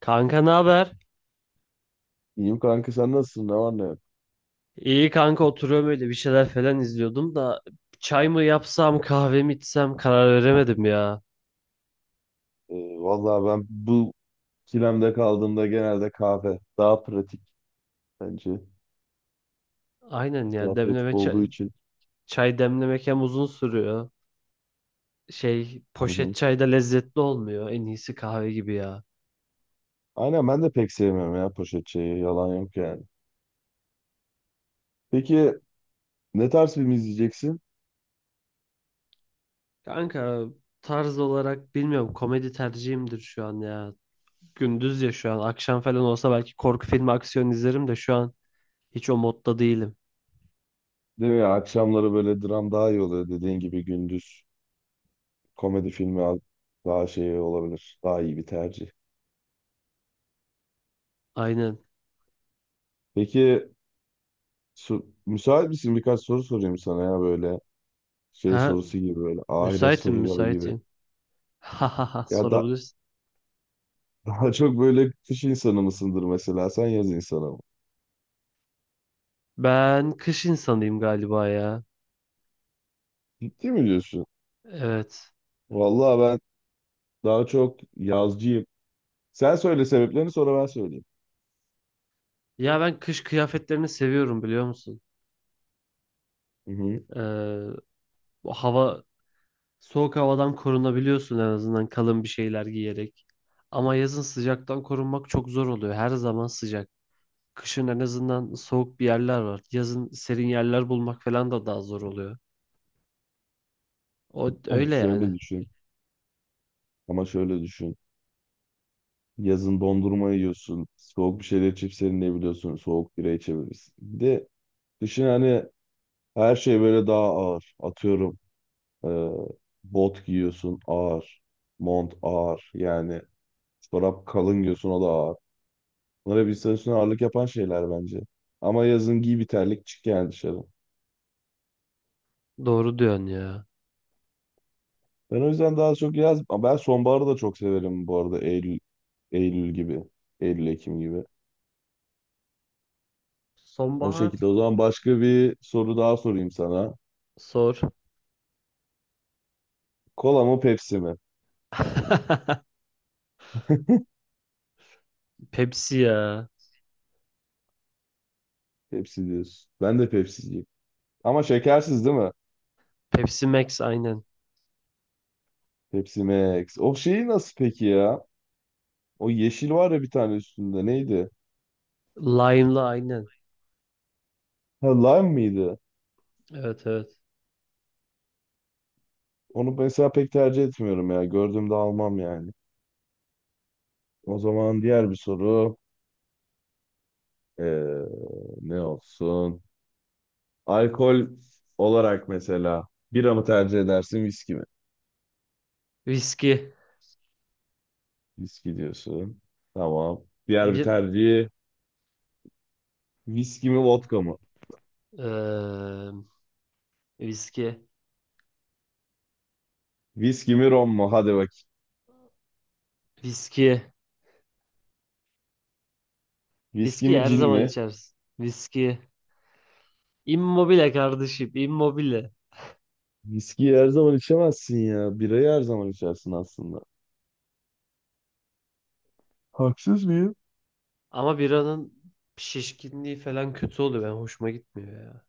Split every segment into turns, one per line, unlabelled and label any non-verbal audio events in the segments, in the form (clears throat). Kanka ne haber?
İyiyim kanka sen nasılsın? Ne var ne yok?
İyi kanka oturuyorum öyle bir şeyler falan izliyordum da çay mı yapsam kahve mi içsem karar veremedim ya.
Ee, Vallahi ben bu ikilemde kaldığımda genelde kahve daha pratik bence.
Aynen
Daha
ya
pratik
demleme çay,
olduğu için.
çay demlemek hem uzun sürüyor. Şey
Hı
poşet
hı.
çay da lezzetli olmuyor. En iyisi kahve gibi ya.
Aynen ben de pek sevmiyorum ya poşet çayı. Yalan yok yani. Peki ne tarz film izleyeceksin?
Kanka tarz olarak bilmiyorum komedi tercihimdir şu an ya. Gündüz ya şu an akşam falan olsa belki korku filmi aksiyon izlerim de şu an hiç o modda değilim.
Değil mi ya? Akşamları böyle dram daha iyi oluyor dediğin gibi gündüz. Komedi filmi al- Daha şey olabilir. Daha iyi bir tercih.
Aynen.
Peki müsait misin? Birkaç soru sorayım sana ya böyle şey
Ha
sorusu gibi böyle ahiret
müsaitim
soruları gibi.
müsaitim. (laughs) Ha
Ya da
sorabilirsin.
daha çok böyle kış insanı mısındır mesela? Sen yaz insanı mı?
Ben kış insanıyım galiba ya.
Ciddi mi diyorsun?
Evet.
Vallahi ben daha çok yazcıyım. Sen söyle sebeplerini sonra ben söyleyeyim.
Ya ben kış kıyafetlerini seviyorum biliyor musun?
Hı hı.
Ee, Bu hava soğuk havadan korunabiliyorsun en azından kalın bir şeyler giyerek. Ama yazın sıcaktan korunmak çok zor oluyor. Her zaman sıcak. Kışın en azından soğuk bir yerler var. Yazın serin yerler bulmak falan da daha zor oluyor. O
Oh,
öyle
şöyle
yani.
düşün. Ama şöyle düşün. Yazın dondurma yiyorsun. Soğuk bir şeyler içip serinleyebiliyorsun. Soğuk bira içebilirsin. Bir de kışın hani her şey böyle daha ağır. Atıyorum e, bot giyiyorsun ağır. Mont ağır. Yani çorap kalın giyiyorsun o da ağır. Bunlar bir üstüne ağırlık yapan şeyler bence. Ama yazın giy bir terlik çık yani dışarı.
Doğru diyorsun ya.
Ben o yüzden daha çok yaz. Ben sonbaharı da çok severim bu arada Eylül, Eylül gibi. Eylül, Ekim gibi. O
Sonbahar.
şekilde. O zaman başka bir soru daha sorayım sana.
Sor.
Kola mı Pepsi mi?
(laughs) Pepsi ya.
Pepsi diyorsun. Ben de Pepsi'ciyim. Ama şekersiz değil mi?
Pepsi Max aynen.
Pepsi Max. O şeyi nasıl peki ya? O yeşil var ya bir tane üstünde. Neydi?
Lime'lı aynen.
Ha, lime mıydı?
Evet, evet.
Onu mesela pek tercih etmiyorum ya. Gördüğümde almam yani. O zaman diğer bir soru. Ee, Ne olsun? Alkol olarak mesela bira mı tercih edersin, viski mi?
Viski.
Viski diyorsun. Tamam. Diğer bir
Bir
tercihi viski mi, vodka mı?
eee, viski.
Viski mi, rom mu? Hadi bak.
Viski.
Viski
Viski
mi,
her
cin
zaman
mi?
içersin. Viski. Immobile kardeşim. Immobile.
Viskiyi her zaman içemezsin ya. Birayı her zaman içersin aslında. Haksız mıyım?
Ama biranın şişkinliği falan kötü oluyor. Ben hoşuma gitmiyor ya.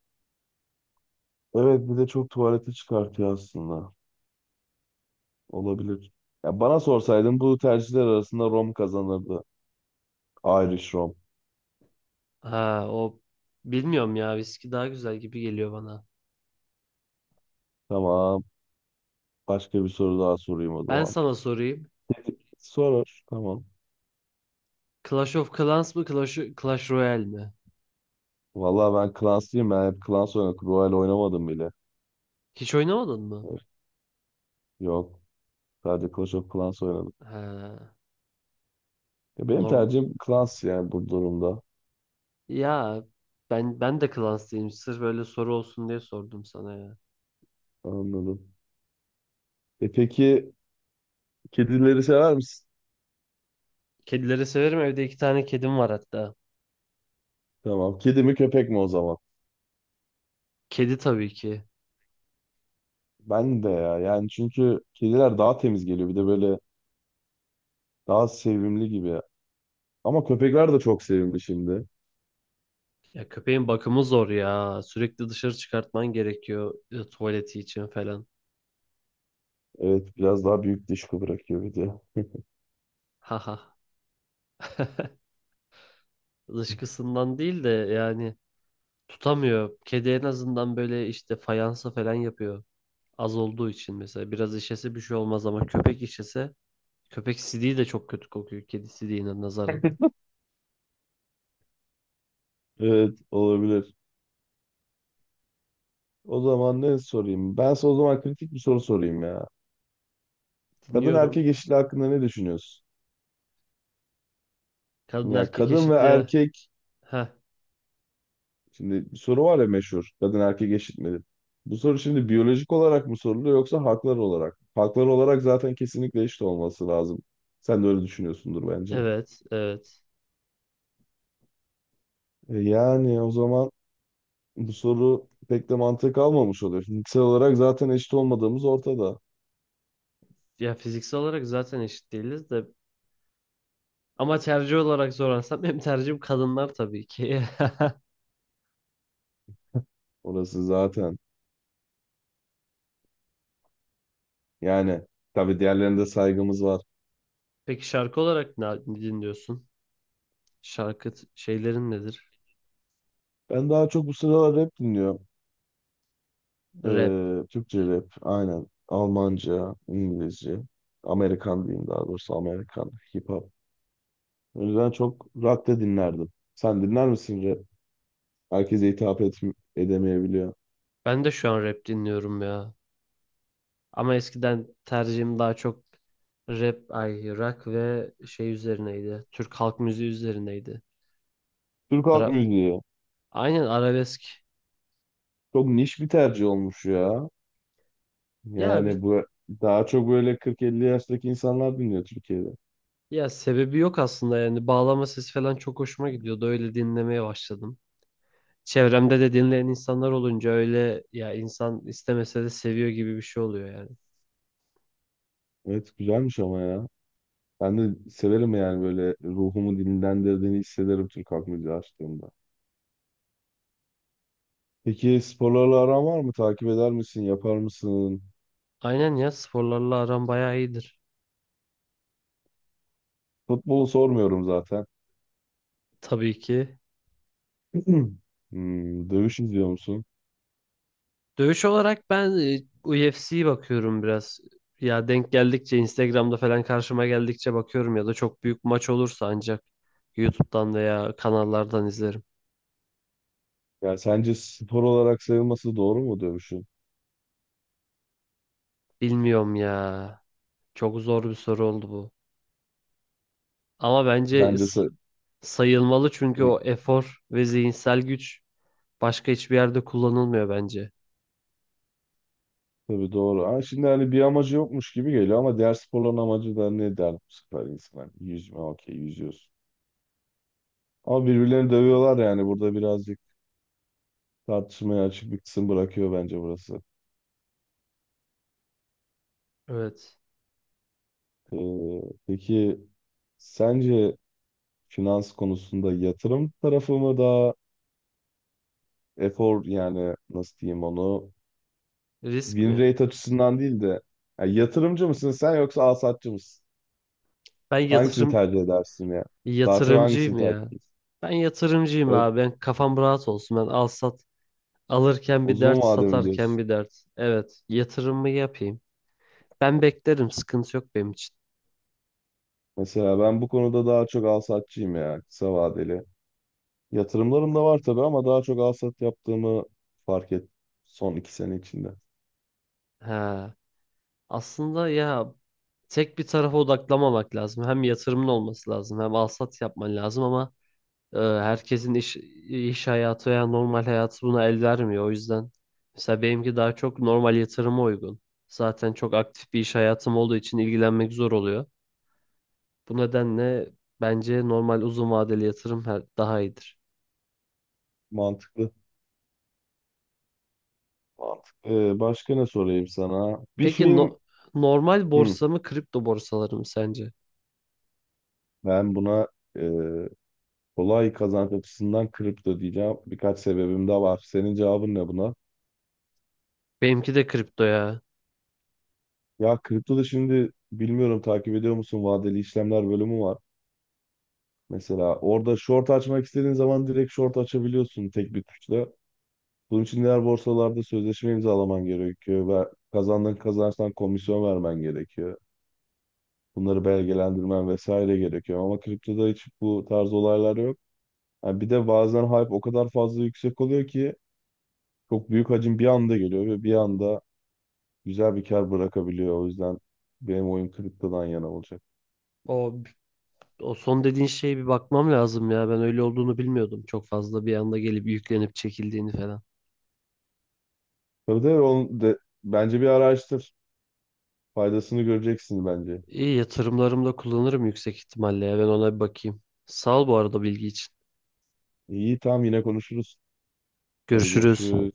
Evet, bir de çok tuvalete çıkartıyor aslında. Olabilir. Ya bana sorsaydın bu tercihler arasında rom kazanırdı. Irish rom.
Ha o bilmiyorum ya. Viski daha güzel gibi geliyor bana.
Tamam. Başka bir soru daha sorayım o
Ben
zaman.
sana sorayım.
Soror. Tamam.
Clash of Clans mı Clash Royale mi?
Vallahi ben Clans'lıyım. Ben hep Clans oynadım. Royal oynamadım bile.
Hiç oynamadın mı?
Yok. Sadece Clash of Clans oynadım.
Ha,
Ya benim
norm
tercihim Clans yani bu durumda.
ya ben de Clans'tayım. Sırf böyle soru olsun diye sordum sana ya.
Anladım. E peki kedileri sever misin?
Kedileri severim. Evde iki tane kedim var hatta.
Tamam. Kedi mi köpek mi o zaman?
Kedi tabii ki.
Ben de ya. Yani çünkü kediler daha temiz geliyor. Bir de böyle daha sevimli gibi. Ama köpekler de çok sevimli şimdi.
Ya köpeğin bakımı zor ya. Sürekli dışarı çıkartman gerekiyor tuvaleti için falan.
Evet biraz daha büyük dışkı bırakıyor bir de.
Haha. Dışkısından değil de yani tutamıyor. Kedi en azından böyle işte fayansa falan yapıyor. Az olduğu için mesela biraz işese bir şey olmaz ama köpek işese köpek sidiği de çok kötü kokuyor kedi sidiğine nazaran.
Evet olabilir. O zaman ne sorayım? Ben size o zaman kritik bir soru sorayım ya. Kadın
Dinliyorum.
erkek eşitliği hakkında ne düşünüyorsun?
Kadın
Yani
erkek
kadın ve
eşitliği.
erkek
Heh.
şimdi bir soru var ya meşhur. Kadın erkek eşit midir? Bu soru şimdi biyolojik olarak mı soruluyor yoksa haklar olarak? Haklar olarak zaten kesinlikle eşit olması lazım. Sen de öyle düşünüyorsundur bence.
Evet, evet.
E yani o zaman bu soru pek de mantık almamış oluyor. Fiziksel olarak zaten eşit olmadığımız ortada.
Ya fiziksel olarak zaten eşit değiliz de ama tercih olarak sorarsam (laughs) benim tercihim kadınlar tabii ki.
Orası zaten. Yani tabii diğerlerine de saygımız var.
(laughs) Peki şarkı olarak ne dinliyorsun? Şarkı t- şeylerin nedir?
Ben daha çok bu sıralar rap dinliyorum.
Rap.
Türkçe rap, aynen. Almanca, İngilizce, Amerikan diyeyim daha doğrusu Amerikan hip hop. O yüzden çok rock da dinlerdim. Sen dinler misin rap? Herkese hitap et Edemeyebiliyor.
Ben de şu an rap dinliyorum ya. Ama eskiden tercihim daha çok rap, ay rock ve şey üzerineydi. Türk halk müziği üzerineydi.
Türk halk
Ara,
müziği
aynen arabesk.
çok niş bir tercih olmuş ya.
Ya bir
Yani bu daha çok böyle 40-50 yaştaki insanlar dinliyor Türkiye'de.
ya sebebi yok aslında yani bağlama sesi falan çok hoşuma gidiyordu. Öyle dinlemeye başladım. Çevremde de dinleyen insanlar olunca öyle ya insan istemese de seviyor gibi bir şey oluyor yani.
Evet güzelmiş ama ya. Ben de severim yani böyle ruhumu dinlendirdiğini hissederim Türk halk müziği açtığımda. Peki sporlarla aran var mı? Takip eder misin? Yapar mısın?
Aynen ya sporlarla aram bayağı iyidir.
Futbolu sormuyorum zaten.
Tabii ki.
(clears throat) Dövüş izliyor musun?
Dövüş olarak ben UFC'ye bakıyorum biraz. Ya denk geldikçe Instagram'da falan karşıma geldikçe bakıyorum ya da çok büyük maç olursa ancak YouTube'dan veya kanallardan izlerim.
Ya sence spor olarak sayılması doğru mu dövüşün?
Bilmiyorum ya. Çok zor bir soru oldu bu. Ama bence
Bence
is-
sa-
sayılmalı çünkü
Hı,
o efor ve zihinsel güç başka hiçbir yerde kullanılmıyor bence.
tabii doğru. Ama şimdi hani bir amacı yokmuş gibi geliyor ama diğer sporların amacı da ne der bu sefer insan? Yüzme, okey, yüzüyorsun. Ama birbirlerini dövüyorlar yani burada birazcık tartışmaya açık bir kısım bırakıyor bence burası.
Evet.
Ee, peki sence finans konusunda yatırım tarafı mı daha efor yani nasıl diyeyim onu
Risk
Win
mi?
rate açısından değil de ya yatırımcı mısın sen yoksa alsatçı mısın?
Ben
Hangisini
yatırım
tercih edersin ya? Daha çok hangisini
yatırımcıyım
tercih
ya.
edersin?
Ben yatırımcıyım
Evet,
abi. Ben kafam rahat olsun. Ben al sat alırken bir
uzun
dert,
vadeli
satarken
diyorsun.
bir dert. Evet, yatırımımı yapayım. Ben beklerim. Sıkıntı yok benim için.
Mesela ben bu konuda daha çok alsatçıyım ya kısa vadeli. Yatırımlarım da var tabii ama daha çok alsat yaptığımı fark ettim son 2 sene içinde.
Ha. Aslında ya tek bir tarafa odaklamamak lazım. Hem yatırımın olması lazım, hem al sat yapman lazım ama herkesin iş hayatı veya normal hayatı buna el vermiyor. O yüzden mesela benimki daha çok normal yatırıma uygun. Zaten çok aktif bir iş hayatım olduğu için ilgilenmek zor oluyor. Bu nedenle bence normal uzun vadeli yatırım her- daha iyidir.
Mantıklı. Mantıklı. Başka ne sorayım sana? Bir
Peki
film
no- normal
Hı,
borsa mı kripto borsaları mı sence?
Ben buna e, kolay kazanç açısından kripto diyeceğim. Birkaç sebebim de var. Senin cevabın ne buna?
Benimki de kripto ya.
Ya kriptoda şimdi bilmiyorum takip ediyor musun vadeli işlemler bölümü var. Mesela orada short açmak istediğin zaman direkt short açabiliyorsun tek bir tuşla. Bunun için diğer borsalarda sözleşme imzalaman gerekiyor ve kazandığın kazançtan komisyon vermen gerekiyor. Bunları belgelendirmen vesaire gerekiyor ama kriptoda hiç bu tarz olaylar yok. Ha, bir de bazen hype o kadar fazla yüksek oluyor ki çok büyük hacim bir anda geliyor ve bir anda güzel bir kar bırakabiliyor. O yüzden benim oyun kriptodan yana olacak.
O, o son dediğin şeye bir bakmam lazım ya. Ben öyle olduğunu bilmiyordum çok fazla. Bir anda gelip yüklenip çekildiğini falan.
Tabii tabii bence bir araştır. Faydasını göreceksin bence.
İyi yatırımlarımda kullanırım yüksek ihtimalle ya. Ben ona bir bakayım. Sağ ol bu arada bilgi için.
İyi tamam yine konuşuruz. Hadi
Görüşürüz.
görüşürüz.